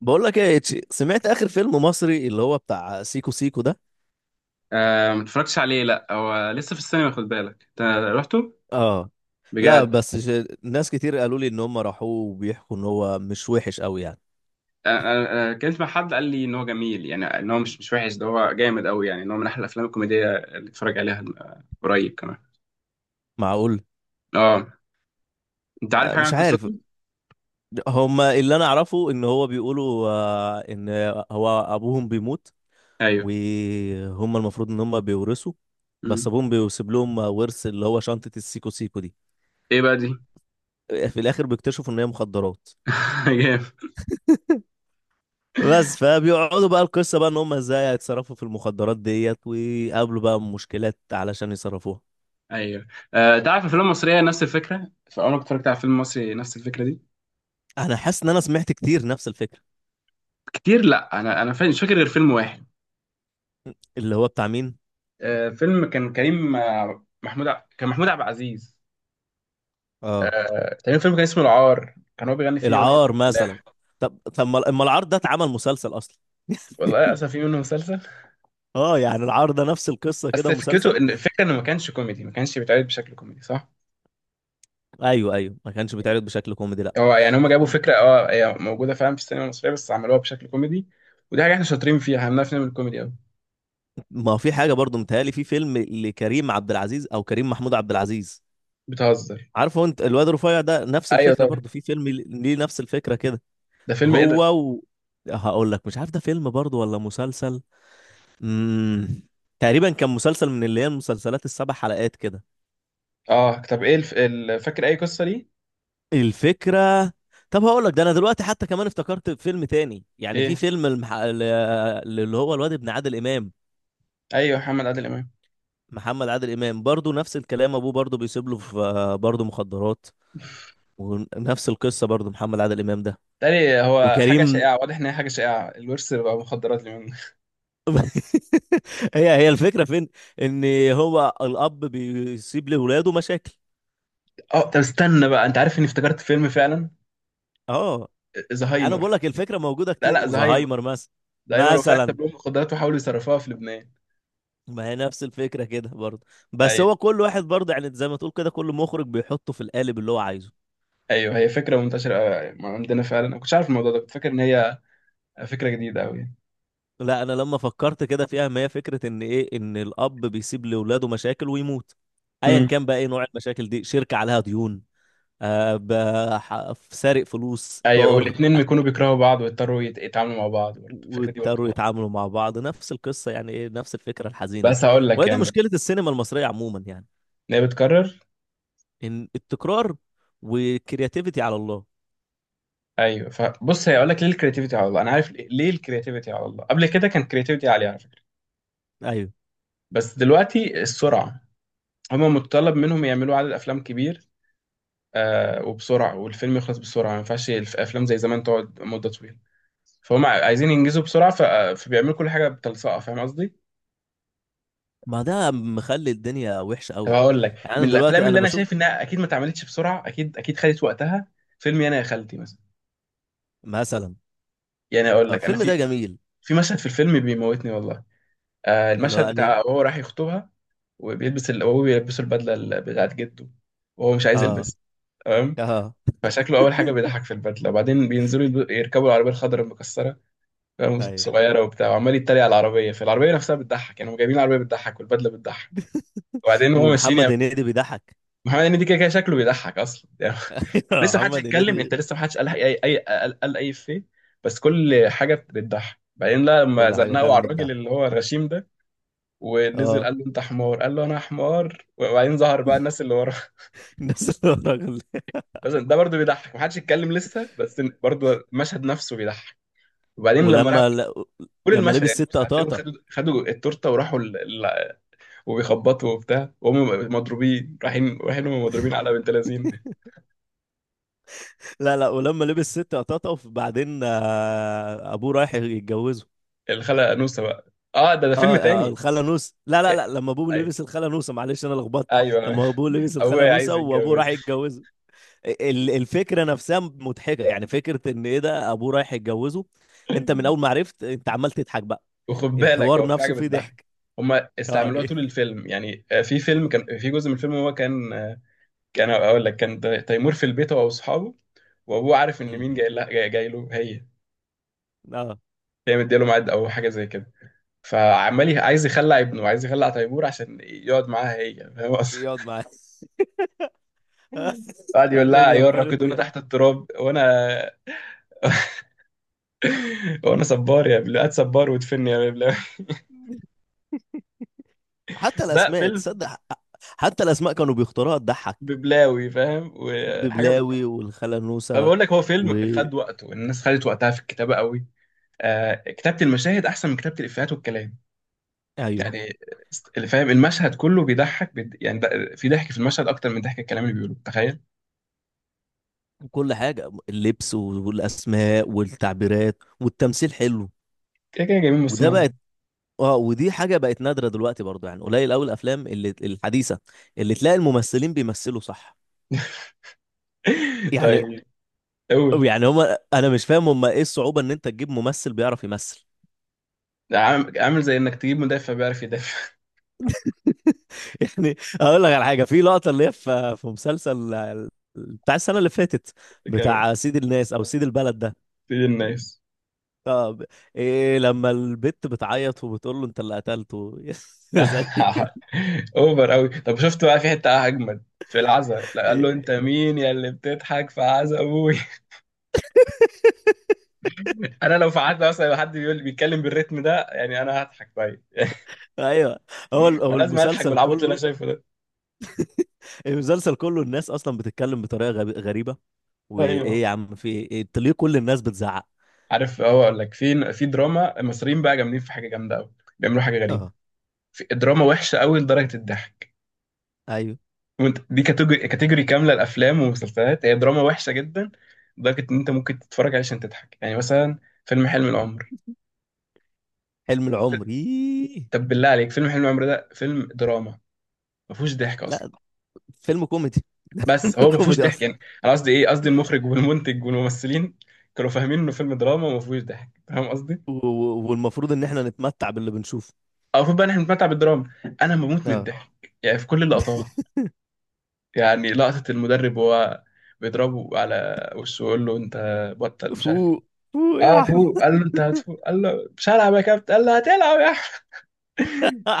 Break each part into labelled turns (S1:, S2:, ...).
S1: بقول لك ايه يا إتشي، سمعت اخر فيلم مصري اللي هو بتاع سيكو سيكو ده؟
S2: آه، ما اتفرجتش عليه. لا هو لسه في السينما، خد بالك انت. رحته
S1: اه. لا
S2: بجد.
S1: بس ناس كتير قالوا لي ان هم راحوه وبيحكوا ان هو مش وحش قوي يعني.
S2: انا انا أنا اتكلمت مع حد قال لي ان هو جميل، يعني ان هو مش وحش، ده هو جامد قوي. يعني ان هو من احلى الافلام الكوميديه اللي اتفرج عليها. قريب كمان.
S1: معقول؟
S2: اه، انت عارف حاجه عن
S1: مش
S2: قصته؟
S1: عارف. هم اللي انا اعرفه ان هو بيقولوا، ان هو ابوهم بيموت
S2: ايوه.
S1: وهم المفروض ان هم بيورثوا. بس
S2: مم.
S1: ابوهم بيسيب لهم ورث اللي هو شنطة السيكو سيكو دي.
S2: ايه بقى دي؟
S1: في الاخر بيكتشفوا ان هي مخدرات.
S2: جامد.
S1: بس فبيقعدوا بقى القصه بقى ان هم ازاي هيتصرفوا في المخدرات ديت ويقابلوا بقى مشكلات علشان يصرفوها.
S2: ايوه. انت عارف الافلام المصريه نفس الفكره؟ فعمرك اتفرجت على فيلم مصري نفس الفكره دي؟
S1: انا حاسس ان انا سمعت كتير نفس الفكره.
S2: كتير، لا مش فاكر غير فيلم واحد.
S1: اللي هو بتاع مين؟
S2: فيلم كان كريم، كان محمود عبد العزيز.
S1: اه.
S2: تقريبا فيلم كان اسمه العار، كان هو بيغني فيه اغنيه
S1: العار مثلا.
S2: الفلاح.
S1: طب طب ما أما العار ده اتعمل مسلسل اصلا.
S2: والله اسف، في منه مسلسل.
S1: اه، يعني العار ده نفس القصه
S2: بس
S1: كده
S2: فكرته
S1: مسلسل.
S2: ان الفكره انه ما كانش كوميدي، ما كانش بيتعرض بشكل كوميدي، صح.
S1: ايوه، ايوه، ما كانش بيتعرض بشكل كوميدي لا.
S2: هو يعني هم جابوا فكره، اه هي موجوده فعلا في السينما المصريه، بس عملوها بشكل كوميدي. ودي حاجه احنا شاطرين فيها، احنا بنعرف نعمل كوميدي قوي.
S1: ما هو في حاجه برضو متهيألي في فيلم لكريم عبد العزيز او كريم محمود عبد العزيز.
S2: بتهزر؟
S1: عارفه انت الواد رفيع ده نفس
S2: ايوه
S1: الفكره
S2: طبعا.
S1: برضو، في فيلم ليه نفس الفكره كده.
S2: ده فيلم ايه ده؟
S1: هو و... هقول لك مش عارف ده فيلم برضو ولا مسلسل. امم تقريبا كان مسلسل من اللي هي المسلسلات السبع حلقات كده.
S2: اه طب ايه فاكر اي قصه ليه؟
S1: الفكرة. طب هقول لك، ده انا دلوقتي حتى كمان افتكرت فيلم تاني، يعني في
S2: ايه.
S1: فيلم اللي هو الواد ابن عادل امام.
S2: ايوه محمد عادل امام.
S1: محمد عادل امام برضو نفس الكلام، ابوه برضو بيسيب له في برضو مخدرات. ونفس القصة برضو محمد عادل امام ده.
S2: تاني، هو حاجه
S1: وكريم.
S2: شائعه، واضح ان هي حاجه شائعه، الورث بقى مخدرات اليومين دول.
S1: هي هي الفكرة فين؟ ان هو الاب بيسيب لاولاده مشاكل.
S2: اه، طب استنى بقى، انت عارف اني افتكرت فيلم فعلا.
S1: اه. انا
S2: زهايمر.
S1: بقول لك الفكره موجوده
S2: لا
S1: كتير،
S2: لا، زهايمر.
S1: وزهايمر مثلا.
S2: زهايمر وفعلا
S1: مثلا.
S2: ساب لهم القدرات وحاولوا يصرفوها في لبنان.
S1: ما هي نفس الفكره كده برضه. بس
S2: ايوه
S1: هو كل واحد برضه يعني زي ما تقول كده كل مخرج بيحطه في القالب اللي هو عايزه.
S2: ايوه، هي فكره منتشره أوي يعني ما عندنا فعلا، انا كنتش عارف الموضوع ده، كنت فاكر ان هي فكره جديده قوي.
S1: لا انا لما فكرت كده فيها ما هي فكره ان ايه، ان الاب بيسيب لاولاده مشاكل ويموت. ايا
S2: امم
S1: كان بقى ايه نوع المشاكل دي، شركه عليها ديون. سارق فلوس
S2: ايوه.
S1: طار.
S2: والاثنين بيكونوا بيكرهوا بعض ويضطروا يتعاملوا مع بعض برضه، الفكره دي برضه
S1: واضطروا
S2: مرة.
S1: يتعاملوا مع بعض، نفس القصه يعني، ايه نفس الفكره الحزينه دي.
S2: بس هقول لك
S1: وهي دي
S2: يعني
S1: مشكله السينما المصريه عموما يعني.
S2: ان هي بتكرر.
S1: ان التكرار. والكرياتيفيتي على الله.
S2: ايوه، فبص هي اقول لك ليه الكرياتيفيتي على الله. انا عارف ليه ليه الكرياتيفيتي على الله. قبل كده كان كرياتيفيتي عاليه على فكره،
S1: ايوه.
S2: بس دلوقتي السرعه. هما متطلب منهم يعملوا عدد افلام كبير، وبسرعه، والفيلم يخلص بسرعه، ما ينفعش الافلام زي زمان تقعد مده طويله. فهم عايزين ينجزوا بسرعه، فبيعملوا كل حاجه بتلصقه، فاهم قصدي؟
S1: ما ده مخلي الدنيا وحشه
S2: طب
S1: قوي.
S2: هقول لك،
S1: يعني انا
S2: من الافلام
S1: دلوقتي
S2: اللي
S1: انا
S2: انا
S1: بشوف.
S2: شايف انها اكيد ما اتعملتش بسرعه، اكيد اكيد خدت وقتها، فيلم انا يا خالتي مثلا.
S1: مثلا.
S2: يعني اقول لك، انا
S1: الفيلم
S2: في
S1: ده جميل.
S2: في مشهد في الفيلم بيموتني والله.
S1: اللي هو
S2: المشهد
S1: يعني.
S2: بتاع وهو راح يخطبها، وهو بيلبسه البدله بتاعت جده وهو مش عايز
S1: اه.
S2: يلبسها. تمام.
S1: اه.
S2: فشكله اول حاجه بيضحك في البدله، وبعدين بينزلوا يركبوا العربيه الخضراء المكسره، فاهم؟
S1: ايوه.
S2: صغيره وبتاع، وعمال يتريق على العربيه، فالعربيه نفسها بتضحك، يعني هم جايبين العربيه بتضحك والبدله بتضحك. وبعدين هو
S1: ومحمد
S2: ماشيين.
S1: هنيدي بيضحك.
S2: محمد هنيدي كده كده شكله بيضحك اصلا يعني. لسه محدش
S1: محمد
S2: يتكلم، انت
S1: هنيدي.
S2: لسه محدش قال اي اي قال قال اي فيه. بس كل حاجه بتضحك. بعدين لا لما
S1: كل حاجه
S2: زنقوا
S1: فعلا
S2: على الراجل
S1: بتضحك.
S2: اللي هو الغشيم ده ونزل،
S1: اه.
S2: قال له انت حمار، قال له انا حمار، وبعدين ظهر بقى الناس اللي وراه.
S1: الناس اللي هو الراجل ده.
S2: بس ده برضه بيضحك، محدش يتكلم لسه، بس برضه المشهد نفسه بيضحك. وبعدين لما راحوا،
S1: ولما ل...
S2: كل
S1: لما
S2: المشهد
S1: لبس
S2: يعني،
S1: ست
S2: بس هتلاقيهم
S1: قطاطه.
S2: خدوا التورته وراحوا ال... وبيخبطوا وبتاع، وهم مضروبين، رايحين هم مضروبين على بنت لذين.
S1: لا لا، ولما لبس ست قطاطه وبعدين ابوه رايح يتجوزه.
S2: الخالة انوسه بقى، اه ده ده
S1: اه.
S2: فيلم تاني.
S1: الخاله نوسه. لا لا لا، لما ابوه
S2: أي-
S1: لبس الخاله نوسه، معلش انا لخبطت.
S2: ايوه.
S1: لما ابوه لبس الخاله
S2: ابويا عايز
S1: نوسه وابوه راح
S2: يتجوز.
S1: يتجوزه. الفكره نفسها مضحكه، يعني فكره ان ايه، ده ابوه رايح يتجوزه. انت من اول ما عرفت انت عمال تضحك بقى.
S2: وخد بالك
S1: الحوار
S2: هو في حاجه
S1: نفسه فيه
S2: بتضحك،
S1: ضحك.
S2: هما
S1: اه.
S2: استعملوها طول
S1: إيه.
S2: الفيلم يعني. في فيلم كان في جزء من الفيلم هو كان، كان اقول لك كان تيمور في البيت هو واصحابه، وابوه عارف ان
S1: مم.
S2: مين جاي لها جاي له هي.
S1: اه.
S2: هي مديله ميعاد او حاجه زي كده. فعمال عايز يخلع ابنه، عايز يخلع تيمور عشان يقعد معاها هي، فاهم قصدي؟
S1: يقعد معاه.
S2: قعد يقول
S1: عشان
S2: لها يا
S1: ينفرد
S2: راكدونا
S1: يعني.
S2: تحت التراب وانا، وانا صبار يا بلاد، صبار وادفني يا بلاد.
S1: حتى
S2: ده
S1: الاسماء
S2: فيلم
S1: تصدق. حتى الاسماء كانوا بيختاروها تضحك.
S2: ببلاوي فاهم،
S1: ببلاوي والخاله نوسه.
S2: فبقول لك هو
S1: و.
S2: فيلم خد وقته، الناس خدت وقتها في الكتابه قوي. كتابه المشاهد احسن من كتابه الافيهات والكلام
S1: ايوه.
S2: يعني. اللي فاهم المشهد كله بيضحك يعني في ضحك في المشهد اكتر من ضحك الكلام اللي بيقوله، تخيل.
S1: كل حاجة اللبس والأسماء والتعبيرات والتمثيل حلو.
S2: كده كده جايبين من
S1: وده
S2: الصناعه.
S1: بقت. اه، ودي حاجة بقت نادرة دلوقتي برضو، يعني قليل أوي الأفلام اللي الحديثة اللي تلاقي الممثلين بيمثلوا صح.
S2: دي.
S1: يعني.
S2: طيب، قول.
S1: يعني هما أنا مش فاهم، هما إيه الصعوبة إن أنت تجيب ممثل بيعرف يمثل.
S2: عامل زي انك تجيب مدافع بيعرف يدافع.
S1: يعني. أقول لك على حاجة في لقطة اللي هي في مسلسل بتاع السنة اللي فاتت،
S2: كمان.
S1: بتاع سيد الناس أو سيد البلد ده.
S2: تجيب الناس.
S1: طب. إيه لما البت بتعيط وبتقول له أنت اللي قتلته؟ يا زعيم.
S2: اوفر قوي. طب شفت بقى في حته اجمد في العزا، لا قال له انت مين يا اللي بتضحك في عزا ابوي. انا لو في عدى مثلا، لو حد بيقول بيتكلم بالريتم ده يعني انا هضحك، طيب.
S1: ايوه.
S2: انا
S1: هو
S2: لازم اضحك
S1: المسلسل
S2: بالعبط اللي
S1: كله.
S2: انا شايفه ده.
S1: المسلسل كله الناس اصلا بتتكلم بطريقه غريبه.
S2: ايوه.
S1: وايه يا عم، في ايه، إنت ليه كل الناس بتزعق.
S2: عارف، هو اقول لك، في في دراما المصريين بقى جامدين في حاجه جامده قوي، بيعملوا حاجه غريبه.
S1: اه.
S2: في دراما وحشه قوي لدرجه الضحك،
S1: ايوه.
S2: وانت دي كاتيجوري كاتيجوري كامله، الافلام والمسلسلات هي دراما وحشه جدا، لدرجه ان انت ممكن تتفرج عليه عشان تضحك. يعني مثلا فيلم حلم العمر.
S1: حلم
S2: ف-
S1: العمر إيه.
S2: طب بالله عليك، فيلم حلم العمر ده فيلم دراما، ما فيهوش ضحك اصلا.
S1: لا. فيلم كوميدي. ده فيلم
S2: بس هو ما فيهوش
S1: كوميدي
S2: ضحك،
S1: اصلا.
S2: يعني انا قصدي ايه، قصدي المخرج والمنتج والممثلين كانوا فاهمين انه فيلم دراما، وما فيهوش ضحك، فاهم قصدي.
S1: والمفروض ان احنا نتمتع باللي بنشوفه.
S2: أو المفروض بقى احنا بنتمتع بالدراما. انا بموت من
S1: اه.
S2: الضحك يعني في كل اللقطات. يعني لقطة المدرب وهو بيضربه على وشه ويقول له انت بطل مش عارف ايه.
S1: فوق. فوق
S2: اه
S1: يا
S2: فوق،
S1: احمد.
S2: قال له انت هتفوق، قال له مش هلعب يا كابتن، قال له هتلعب يا احمد.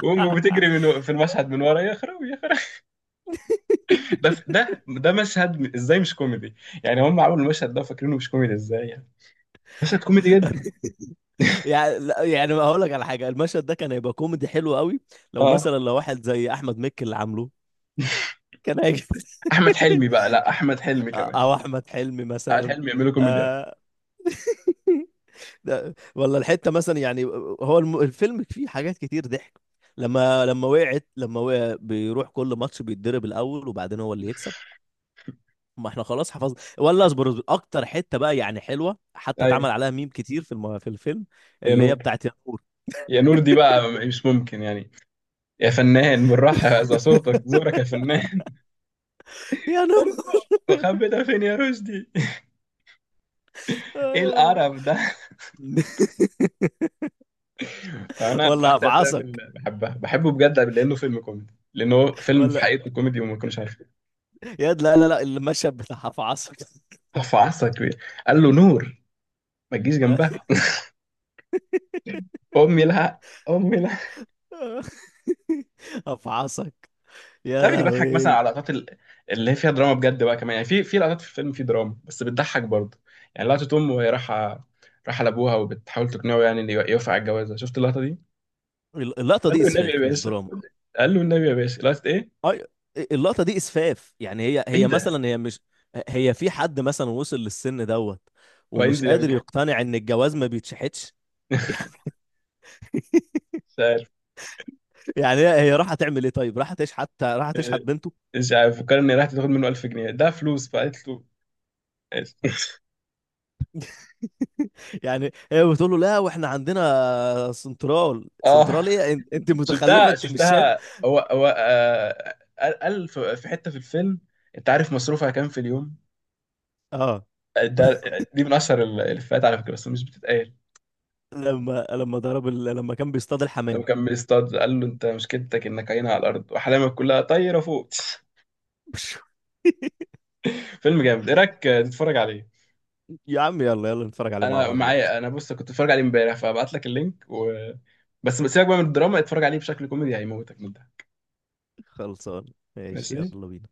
S2: وامه بتجري من في المشهد من ورا، يا خرابي يا خرابي. ده ده ده مشهد ازاي مش كوميدي؟ يعني هم عملوا المشهد ده فاكرينه مش كوميدي ازاي يعني؟ مشهد كوميدي جدا.
S1: يعني لا، يعني هقول لك على حاجه، المشهد ده كان هيبقى كوميدي حلو قوي لو
S2: اه
S1: مثلا لو واحد زي احمد مكي اللي عامله. كان هيجي.
S2: احمد حلمي بقى، لا احمد حلمي كمان.
S1: او احمد حلمي
S2: احمد
S1: مثلا.
S2: حلمي يعملوا كوميديا.
S1: آه، ده ولا الحته مثلا يعني. الفيلم فيه حاجات كتير ضحك. لما وقع بيروح كل ماتش بيتضرب الاول وبعدين هو اللي يكسب. ما احنا خلاص حفظنا. ولا اصبر اصبر اكتر حته بقى يعني حلوه، حتى
S2: ايوه.
S1: اتعمل عليها ميم كتير في الفيلم.
S2: يا
S1: اللي هي
S2: نور.
S1: بتاعت يا نور.
S2: يا نور دي بقى مش ممكن يعني. يا فنان بالراحه، ذا صوتك زورك يا فنان.
S1: يا نور.
S2: مخبي ده فين يا رشدي.
S1: آه
S2: ايه
S1: يابا.
S2: القرف ده. انا من
S1: ولا
S2: اكتر الافلام
S1: هفعصك.
S2: اللي بحبها، بحبه بجد لانه فيلم كوميدي، لانه هو فيلم في
S1: ولا.
S2: حقيقته كوميدي وما كناش عارفين.
S1: يا لا لا لا، المشهد بتاع هفعصك.
S2: في عصا كبير، قال له نور ما تجيش جنبها. امي لها، امي لها.
S1: افعصك. يا
S2: تعرف اني بضحك مثلا
S1: لهوي.
S2: على لقطات اللي هي فيها دراما بجد بقى كمان، يعني في في لقطات في الفيلم في دراما بس بتضحك برضه. يعني لقطة أم وهي رايحة، رايحة لأبوها وبتحاول تقنعه يعني إن يوافق على الجوازة، شفت اللقطة دي؟
S1: اللقطه
S2: قال
S1: دي
S2: له النبي
S1: اسفاف
S2: يا
S1: مش
S2: باشا.
S1: دراما.
S2: قال له النبي يا باشا، لقطة إيه؟
S1: اي. اللقطه دي اسفاف، يعني هي
S2: إيه
S1: هي
S2: ده؟
S1: مثلا هي مش. هي في حد مثلا وصل للسن دوت ومش
S2: وهينزل يعمل
S1: قادر
S2: كده.
S1: يقتنع ان الجواز ما بيتشحتش. يعني.
S2: مش عارف.
S1: يعني هي هي راح تعمل ايه، طيب راح تشحت راح تشحت
S2: إيه،
S1: بنته.
S2: مش عارف، فكر إن راحت تاخد منه 1000 جنيه ده فلوس، فقالت له ماشي.
S1: يعني. هي بتقول له لا واحنا عندنا سنترال،
S2: آه
S1: سنترال ايه، أنت متخلفه
S2: شفتها
S1: انت مش شايف.
S2: شفتها، هو هو قال قال في في حتة في الفيلم، أنت عارف مصروفها كام في اليوم؟
S1: اه.
S2: ده دي من اشهر الافيهات على فكره، بس مش بتتقال.
S1: لما ضرب لما كان بيصطاد
S2: لما
S1: الحمام.
S2: كان بيصطاد، قال له انت مشكلتك انك عينها على الارض واحلامك كلها طايره فوق. فيلم جامد، ايه رايك تتفرج عليه؟
S1: يا عم يلا يلا نتفرج عليه مع
S2: انا
S1: بعض دلوقتي.
S2: معايا، انا بص كنت بتفرج عليه امبارح، فابعت لك اللينك بس سيبك بقى من الدراما، اتفرج عليه بشكل كوميدي هيموتك من ده.
S1: خلصان. ماشي
S2: ماشي.
S1: يلا بينا.